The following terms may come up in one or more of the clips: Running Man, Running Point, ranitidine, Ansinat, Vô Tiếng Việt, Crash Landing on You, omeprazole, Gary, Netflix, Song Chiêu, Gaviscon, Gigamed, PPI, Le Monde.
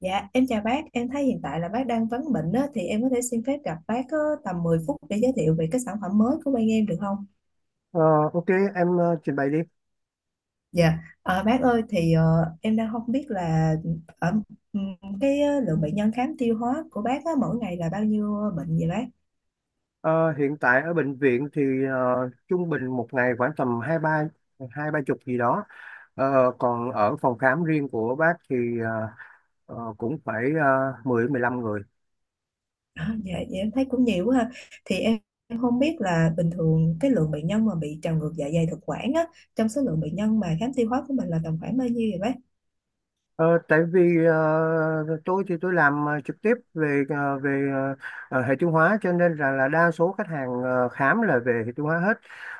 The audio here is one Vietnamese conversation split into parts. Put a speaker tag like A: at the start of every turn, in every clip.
A: Dạ, em chào bác, em thấy hiện tại là bác đang vấn bệnh đó, thì em có thể xin phép gặp bác có tầm 10 phút để giới thiệu về cái sản phẩm mới của bên em được không?
B: Ờ, ok, em trình bày đi.
A: Dạ, à, bác ơi, thì em đang không biết là ở ừm, cái lượng bệnh nhân khám tiêu hóa của bác á, mỗi ngày là bao nhiêu bệnh vậy bác?
B: Ờ, Hiện tại ở bệnh viện thì trung bình một ngày khoảng tầm hai ba chục gì đó. Ờ, Còn ở phòng khám riêng của bác thì ờ, cũng phải 10 15 người.
A: À, dạ, dạ, em thấy cũng nhiều quá ha. Thì em không biết là bình thường cái lượng bệnh nhân mà bị trào ngược dạ dày thực quản á, trong số lượng bệnh nhân mà khám tiêu hóa của mình là tầm khoảng bao nhiêu vậy bác?
B: Ờ, Tại vì tôi thì tôi làm trực tiếp về hệ tiêu hóa cho nên là đa số khách hàng khám là về hệ tiêu hóa hết.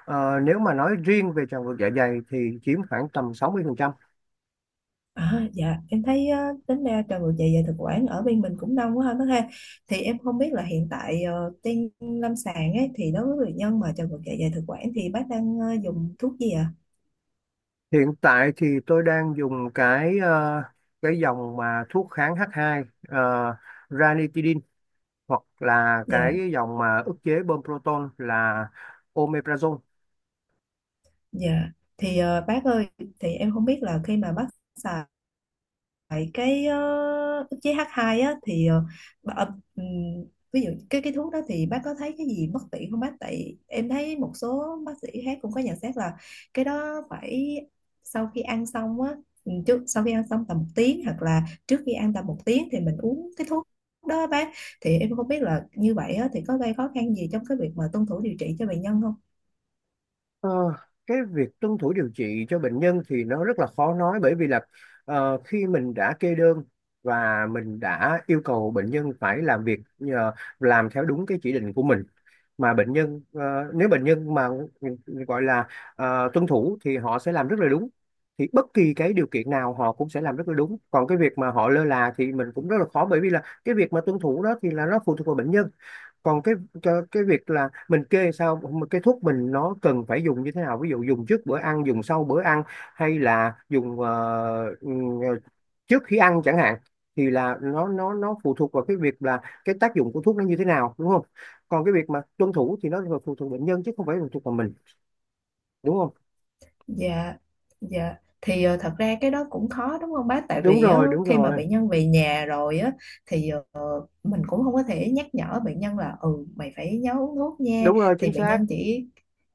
B: Nếu mà nói riêng về tràng ngược dạ dày thì chiếm khoảng tầm 60%.
A: À, dạ em thấy á, tính ra trò ngược dạ dày thực quản ở bên mình cũng đông quá ha bác ha, thì em không biết là hiện tại trên lâm sàng ấy thì đối với bệnh nhân mà trào ngược dạ dày thực quản thì bác đang dùng thuốc gì ạ?
B: Hiện tại thì tôi đang dùng cái dòng mà thuốc kháng H2 , ranitidine hoặc là
A: Dạ,
B: cái dòng mà ức chế bơm proton là omeprazole.
A: dạ, thì bác ơi, thì em không biết là khi mà bác xài. Vậy cái ức chế H2 á thì bà, ờ, ừm, ví dụ cái thuốc đó thì bác có thấy cái gì bất tiện không bác? Tại em thấy một số bác sĩ khác cũng có nhận xét là cái đó phải sau khi ăn xong á, sau khi ăn xong tầm một tiếng hoặc là trước khi ăn tầm một tiếng thì mình uống cái thuốc đó á bác. Thì em không biết là như vậy á thì có gây khó khăn gì trong cái việc mà tuân thủ điều trị cho bệnh nhân không?
B: Ờ, cái việc tuân thủ điều trị cho bệnh nhân thì nó rất là khó nói, bởi vì là khi mình đã kê đơn và mình đã yêu cầu bệnh nhân phải làm việc, làm theo đúng cái chỉ định của mình, mà bệnh nhân nếu bệnh nhân mà gọi là tuân thủ thì họ sẽ làm rất là đúng, thì bất kỳ cái điều kiện nào họ cũng sẽ làm rất là đúng. Còn cái việc mà họ lơ là thì mình cũng rất là khó, bởi vì là cái việc mà tuân thủ đó thì là nó phụ thuộc vào bệnh nhân. Còn cái cho cái việc là mình kê sao, mà cái thuốc mình nó cần phải dùng như thế nào, ví dụ dùng trước bữa ăn, dùng sau bữa ăn hay là dùng trước khi ăn chẳng hạn, thì là nó phụ thuộc vào cái việc là cái tác dụng của thuốc nó như thế nào, đúng không? Còn cái việc mà tuân thủ thì nó là phụ thuộc bệnh nhân chứ không phải phụ thuộc vào mình, đúng không?
A: Dạ, dạ. Thì thật ra cái đó cũng khó đúng không bác? Tại
B: Đúng
A: vì
B: rồi. Đúng
A: khi mà
B: rồi.
A: bệnh nhân về nhà rồi á, thì mình cũng không có thể nhắc nhở bệnh nhân là ừ mày phải nhớ uống thuốc nha,
B: Đúng rồi,
A: thì
B: chính
A: bệnh
B: xác.
A: nhân chỉ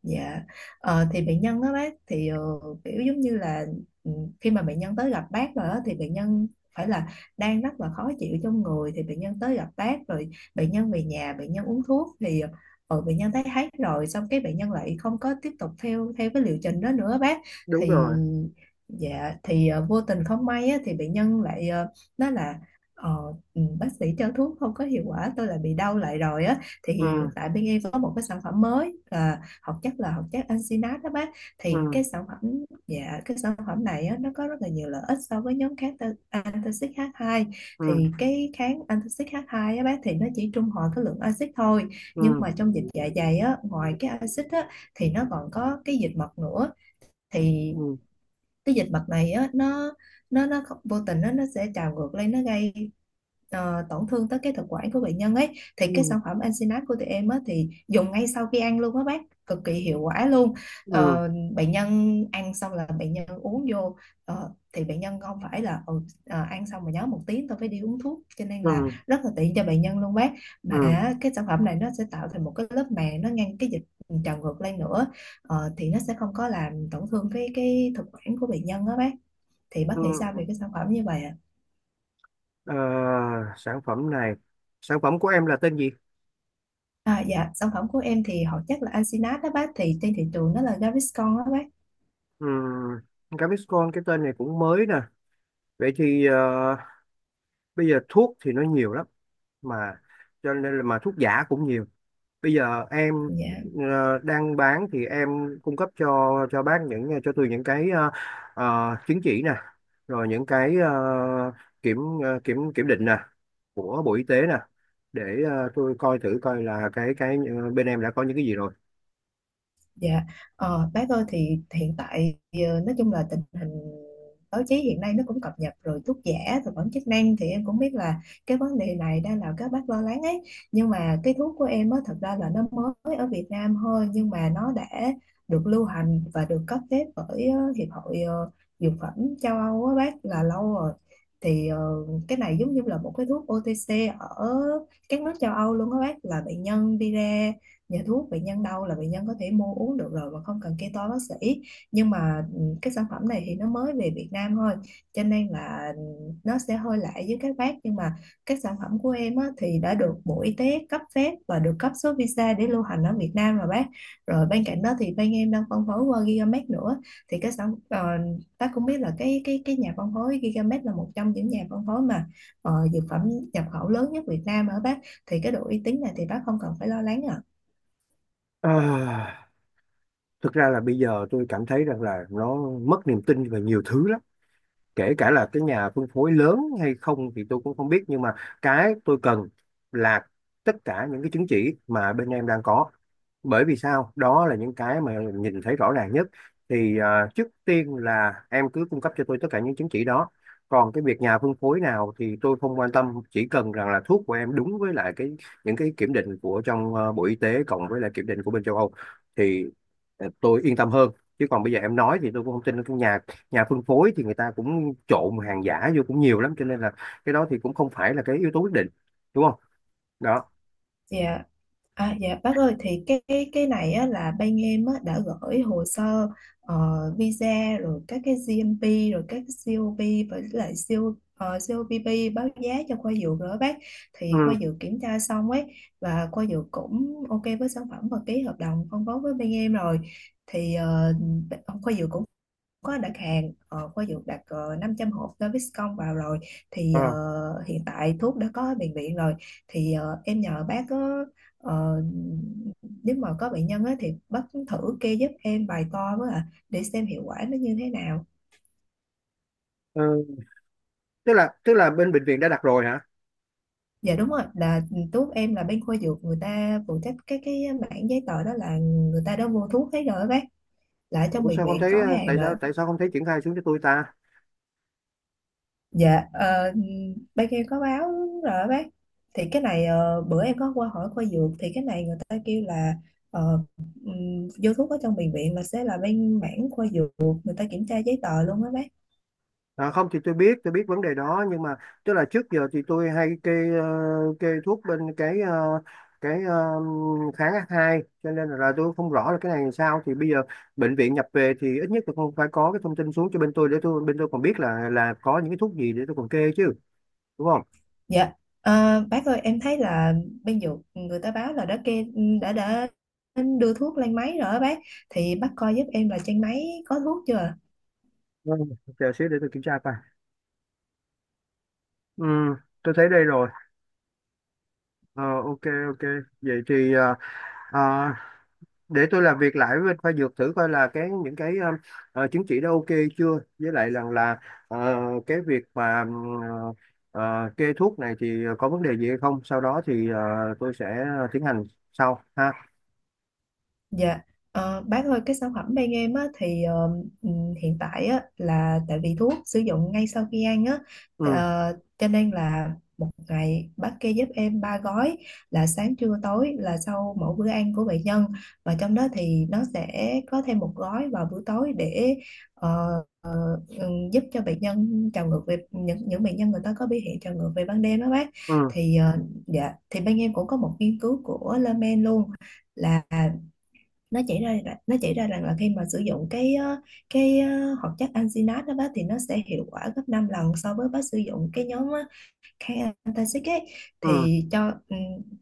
A: dạ. Thì bệnh nhân đó bác, thì kiểu giống như là ừ, khi mà bệnh nhân tới gặp bác rồi đó, thì bệnh nhân phải là đang rất là khó chịu trong người, thì bệnh nhân tới gặp bác rồi, bệnh nhân về nhà bệnh nhân uống thuốc thì bệnh nhân thấy hết rồi, xong cái bệnh nhân lại không có tiếp tục theo theo cái liệu trình đó nữa bác.
B: Đúng
A: Thì
B: rồi.
A: dạ, thì vô tình không may á, thì bệnh nhân lại nói là ờ, ừ, bác sĩ cho thuốc không có hiệu quả tôi lại bị đau lại rồi á. Thì hiện
B: Ừ.
A: tại bên em có một cái sản phẩm mới là hoạt chất Ansinat đó bác. Thì
B: Ừ.
A: cái sản phẩm dạ cái sản phẩm này á, nó có rất là nhiều lợi ích so với nhóm antacid H2.
B: Ừ.
A: Thì cái kháng antacid H2 á bác thì nó chỉ trung hòa cái lượng axit thôi, nhưng
B: Ừ.
A: mà trong dịch dạ dày á, ngoài cái axit á thì nó còn có cái dịch mật nữa. Thì
B: Ừ.
A: cái dịch bệnh này á, nó không- vô tình nó sẽ trào ngược lên, nó gây tổn thương tới cái thực quản của bệnh nhân ấy. Thì cái
B: Ừ.
A: sản phẩm Ensinat của tụi em á thì dùng ngay sau khi ăn luôn á bác, cực kỳ hiệu quả luôn.
B: Ừ.
A: Ờ, Bệnh nhân ăn xong là bệnh nhân uống vô, thì bệnh nhân không phải là ăn xong mà nhớ một tiếng tôi phải đi uống thuốc, cho nên
B: Ừ.
A: là rất là tiện cho bệnh nhân luôn bác.
B: Ừ.
A: Mà
B: Ừ.
A: cái sản phẩm này nó sẽ tạo thành một cái lớp màng, nó ngăn cái dịch trào ngược lên nữa, thì nó sẽ không có làm tổn thương cái thực quản của bệnh nhân đó bác. Thì bác nghĩ sao về
B: Ừ.
A: cái sản phẩm như vậy ạ?
B: Ờ, Sản phẩm này, sản phẩm của em là tên gì?
A: À? Dạ sản phẩm của em thì họ chắc là Ansinat đó bác, thì trên thị trường nó là Gaviscon đó bác.
B: Gaviscon, cái tên này cũng mới nè. Vậy thì bây giờ thuốc thì nó nhiều lắm, mà cho nên là mà thuốc giả cũng nhiều. Bây giờ em
A: Dạ
B: đang bán thì em cung cấp cho bác, những cho Tường những cái chứng chỉ nè, rồi những cái kiểm ờ, kiểm kiểm định nè của Bộ Y tế nè, để tôi coi thử coi là cái bên em đã có những cái gì rồi.
A: Dạ, bác ơi thì hiện tại nói chung là tình hình báo chí hiện nay nó cũng cập nhật rồi, thuốc giả, thực phẩm chức năng, thì em cũng biết là cái vấn đề này đang làm các bác lo lắng ấy. Nhưng mà cái thuốc của em á thật ra là nó mới ở Việt Nam thôi, nhưng mà nó đã được lưu hành và được cấp phép bởi Hiệp hội Dược phẩm châu Âu á bác là lâu rồi. Thì cái này giống như là một cái thuốc OTC ở các nước châu Âu luôn á bác, là bệnh nhân đi ra nhà thuốc, bệnh nhân đau là bệnh nhân có thể mua uống được rồi mà không cần kê toa bác sĩ, nhưng mà cái sản phẩm này thì nó mới về Việt Nam thôi cho nên là nó sẽ hơi lạ với các bác. Nhưng mà các sản phẩm của em á, thì đã được Bộ Y tế cấp phép và được cấp số visa để lưu hành ở Việt Nam rồi bác. Rồi bên cạnh đó thì bên em đang phân phối qua Gigamed nữa, thì bác cũng biết là cái nhà phân phối Gigamed là một trong những nhà phân phối mà dược phẩm nhập khẩu lớn nhất Việt Nam ở bác, thì cái độ uy tín này thì bác không cần phải lo lắng ạ.
B: Ờ, Thực ra là bây giờ tôi cảm thấy rằng là nó mất niềm tin về nhiều thứ lắm, kể cả là cái nhà phân phối lớn hay không thì tôi cũng không biết, nhưng mà cái tôi cần là tất cả những cái chứng chỉ mà bên em đang có, bởi vì sao đó là những cái mà nhìn thấy rõ ràng nhất. Thì trước tiên là em cứ cung cấp cho tôi tất cả những chứng chỉ đó, còn cái việc nhà phân phối nào thì tôi không quan tâm, chỉ cần rằng là thuốc của em đúng với lại cái những cái kiểm định của trong Bộ Y tế cộng với lại kiểm định của bên châu Âu thì tôi yên tâm hơn, chứ còn bây giờ em nói thì tôi cũng không tin. Cái nhà nhà phân phối thì người ta cũng trộn hàng giả vô cũng nhiều lắm, cho nên là cái đó thì cũng không phải là cái yếu tố quyết định, đúng không? Đó.
A: Dạ. À, dạ bác ơi thì cái này á, là bên em á, đã gửi hồ sơ ờ, visa rồi các cái GMP rồi các cái COP với lại CO, COPP báo giá cho khoa dược rồi đó bác. Thì khoa
B: Ừ.
A: dược kiểm tra xong ấy, và khoa dược cũng ok với sản phẩm và ký hợp đồng phân phối với bên em rồi, thì khoa dược cũng có đặt hàng, khoa dược đặt 500 hộp Gaviscon vào rồi. Thì
B: Ờ.
A: hiện tại thuốc đã có bệnh viện rồi, thì em nhờ bác có ờ, nếu mà có bệnh nhân á, thì bác thử kê giúp em vài to với ạ để xem hiệu quả nó như thế nào.
B: Ừ. Tức là bên bệnh viện đã đặt rồi hả?
A: Dạ đúng rồi, là thuốc em là bên khoa dược người ta phụ trách cái mảng giấy tờ đó, là người ta đã mua thuốc hết rồi á bác, là ở trong
B: Ủa,
A: bệnh
B: sao không
A: viện
B: thấy
A: có hàng
B: tại
A: rồi.
B: sao tại sao không thấy triển khai xuống cho tôi ta?
A: Dạ, bác em có báo rồi đó bác. Thì cái này bữa em có qua hỏi khoa dược thì cái này người ta kêu là ờ, vô thuốc ở trong bệnh viện là sẽ là bên mảng khoa dược, người ta kiểm tra giấy tờ luôn á bác.
B: À, không thì tôi biết vấn đề đó, nhưng mà tức là trước giờ thì tôi hay kê thuốc bên cái ờ, kháng H2, cho nên là tôi không rõ là cái này làm sao. Thì bây giờ bệnh viện nhập về thì ít nhất là không phải có cái thông tin xuống cho bên tôi, để bên tôi còn biết là có những cái thuốc gì để tôi còn kê chứ, đúng không?
A: Dạ, bác ơi em thấy là bên dược người ta báo là đã kê đã đưa thuốc lên máy rồi á bác. Thì bác coi giúp em là trên máy có thuốc chưa?
B: Ừ, chờ xíu để tôi kiểm tra coi. Ừ, tôi thấy đây rồi. Ờ, ok, ok. Vậy thì ờ, để tôi làm việc lại với bên khoa dược, thử coi là cái những cái chứng chỉ đó ok chưa, với lại rằng là ờ, cái việc mà kê thuốc này thì có vấn đề gì hay không, sau đó thì tôi sẽ tiến hành sau ha.
A: Dạ, bác ơi cái sản phẩm bên em á, thì hiện tại á, là tại vì thuốc sử dụng ngay sau khi ăn á,
B: Ừ.
A: cho nên là một ngày bác kê giúp em ba gói, là sáng trưa tối, là sau mỗi bữa ăn của bệnh nhân, và trong đó thì nó sẽ có thêm một gói vào bữa tối để ờ, giúp cho bệnh nhân trào ngược, về những bệnh nhân người ta có biểu hiện trào ngược về ban đêm đó bác.
B: Ừ.
A: Thì dạ thì bên em cũng có một nghiên cứu của Le Monde luôn, là nó chỉ ra rằng là khi mà sử dụng hoạt chất alginate đó bác thì nó sẽ hiệu quả gấp 5 lần so với bác sử dụng cái nhóm Khantasic ấy.
B: Ừ.
A: Thì cho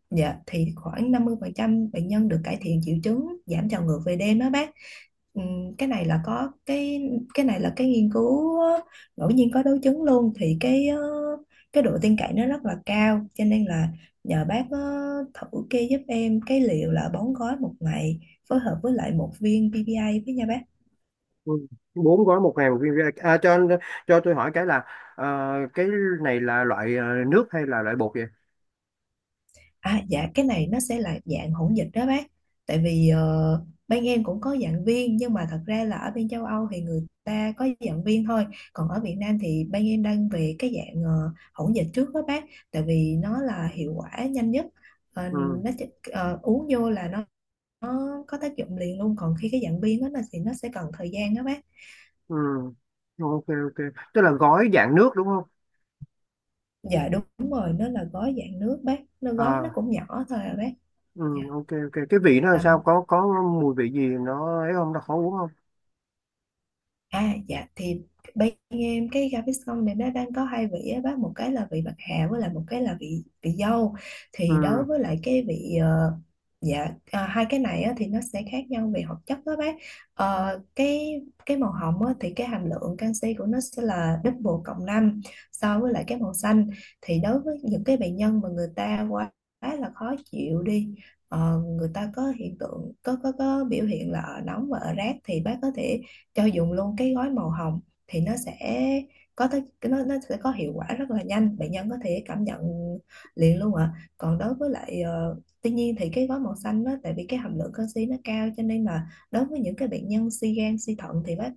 A: dạ thì khoảng 50% bệnh nhân được cải thiện triệu chứng, giảm trào ngược về đêm đó bác. Ừm, cái này là có cái cái này là cái nghiên cứu ngẫu nhiên có đối chứng luôn, thì cái độ tin cậy nó rất là cao cho nên là nhờ bác thử kê giúp em cái liệu là bón gói một ngày phối hợp với lại một viên PPI với nha bác.
B: Ừ. Bốn gói, 1.000 viên, à, cho tôi hỏi cái là ờ, cái này là loại nước hay là loại bột vậy?
A: À, dạ cái này nó sẽ là dạng hỗn dịch đó bác, tại vì bên em cũng có giảng viên nhưng mà thật ra là ở bên châu Âu thì người ta có giảng viên thôi, còn ở Việt Nam thì bên em đang về cái dạng hỗn dịch trước đó bác, tại vì nó là hiệu quả nhanh nhất. Ờ,
B: Ừ.
A: nó chỉ- uống vô là nó có tác dụng liền luôn, còn khi cái dạng viên đó là thì nó sẽ cần thời gian đó bác.
B: Ừ. Ok, ok, tức là gói dạng nước đúng không
A: Dạ đúng rồi, nó là gói dạng nước bác, nó gói nó
B: à?
A: cũng nhỏ thôi à bác.
B: Ừ,
A: Dạ
B: ok, ok, cái vị nó làm sao,
A: tầm
B: có mùi vị gì nó ấy không, nó khó uống không?
A: À dạ thì bên em cái gà này nó đang có hai vị á bác, một cái là vị bạc hà với lại một cái là vị vị dâu.
B: Ừ.
A: Thì đối với lại cái vị dạ, à, hai cái này á, thì nó sẽ khác nhau về hoạt chất đó bác. Cái màu hồng á, thì cái hàm lượng canxi của nó sẽ là double cộng 5 so với lại cái màu xanh, thì đối với những cái bệnh nhân mà người ta quá là khó chịu đi, người ta có hiện tượng có biểu hiện là ở nóng và ở rát thì bác có thể cho dùng luôn cái gói màu hồng, thì nó sẽ có tới cái- nó sẽ có hiệu quả rất là nhanh, bệnh nhân có thể cảm nhận liền luôn ạ. Còn đối với lại tuy nhiên thì cái gói màu xanh đó tại vì cái hàm lượng canxi nó cao cho nên là đối với những cái bệnh nhân suy gan suy thận thì bác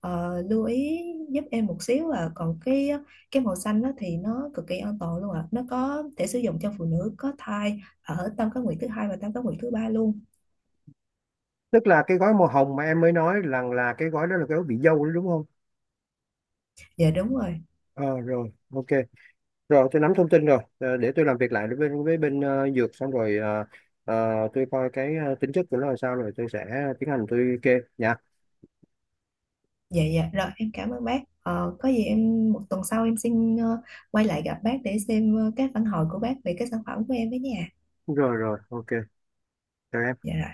A: lưu ý giúp em một xíu à. Còn cái màu xanh đó thì nó cực kỳ an toàn luôn ạ, nó có thể sử dụng cho phụ nữ có thai ở tam cá nguyệt thứ hai và tam cá nguyệt thứ ba luôn.
B: Tức là cái gói màu hồng mà em mới nói rằng là cái gói đó là cái gói vị dâu đó, đúng không?
A: Dạ đúng rồi.
B: Ờ Rồi, ok, rồi tôi nắm thông tin rồi. Ờ, để tôi làm việc lại với bên dược xong rồi tôi coi cái tính chất của nó là sao, rồi tôi sẽ tiến hành tôi kê nha.
A: Dạ dạ rồi em cảm ơn bác. Ờ, có gì em một tuần sau em xin quay lại gặp bác để xem các phản hồi của bác về cái sản phẩm của em với nhà.
B: Rồi, rồi, ok. Chào em.
A: Dạ rồi.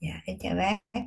A: Dạ em chào bác.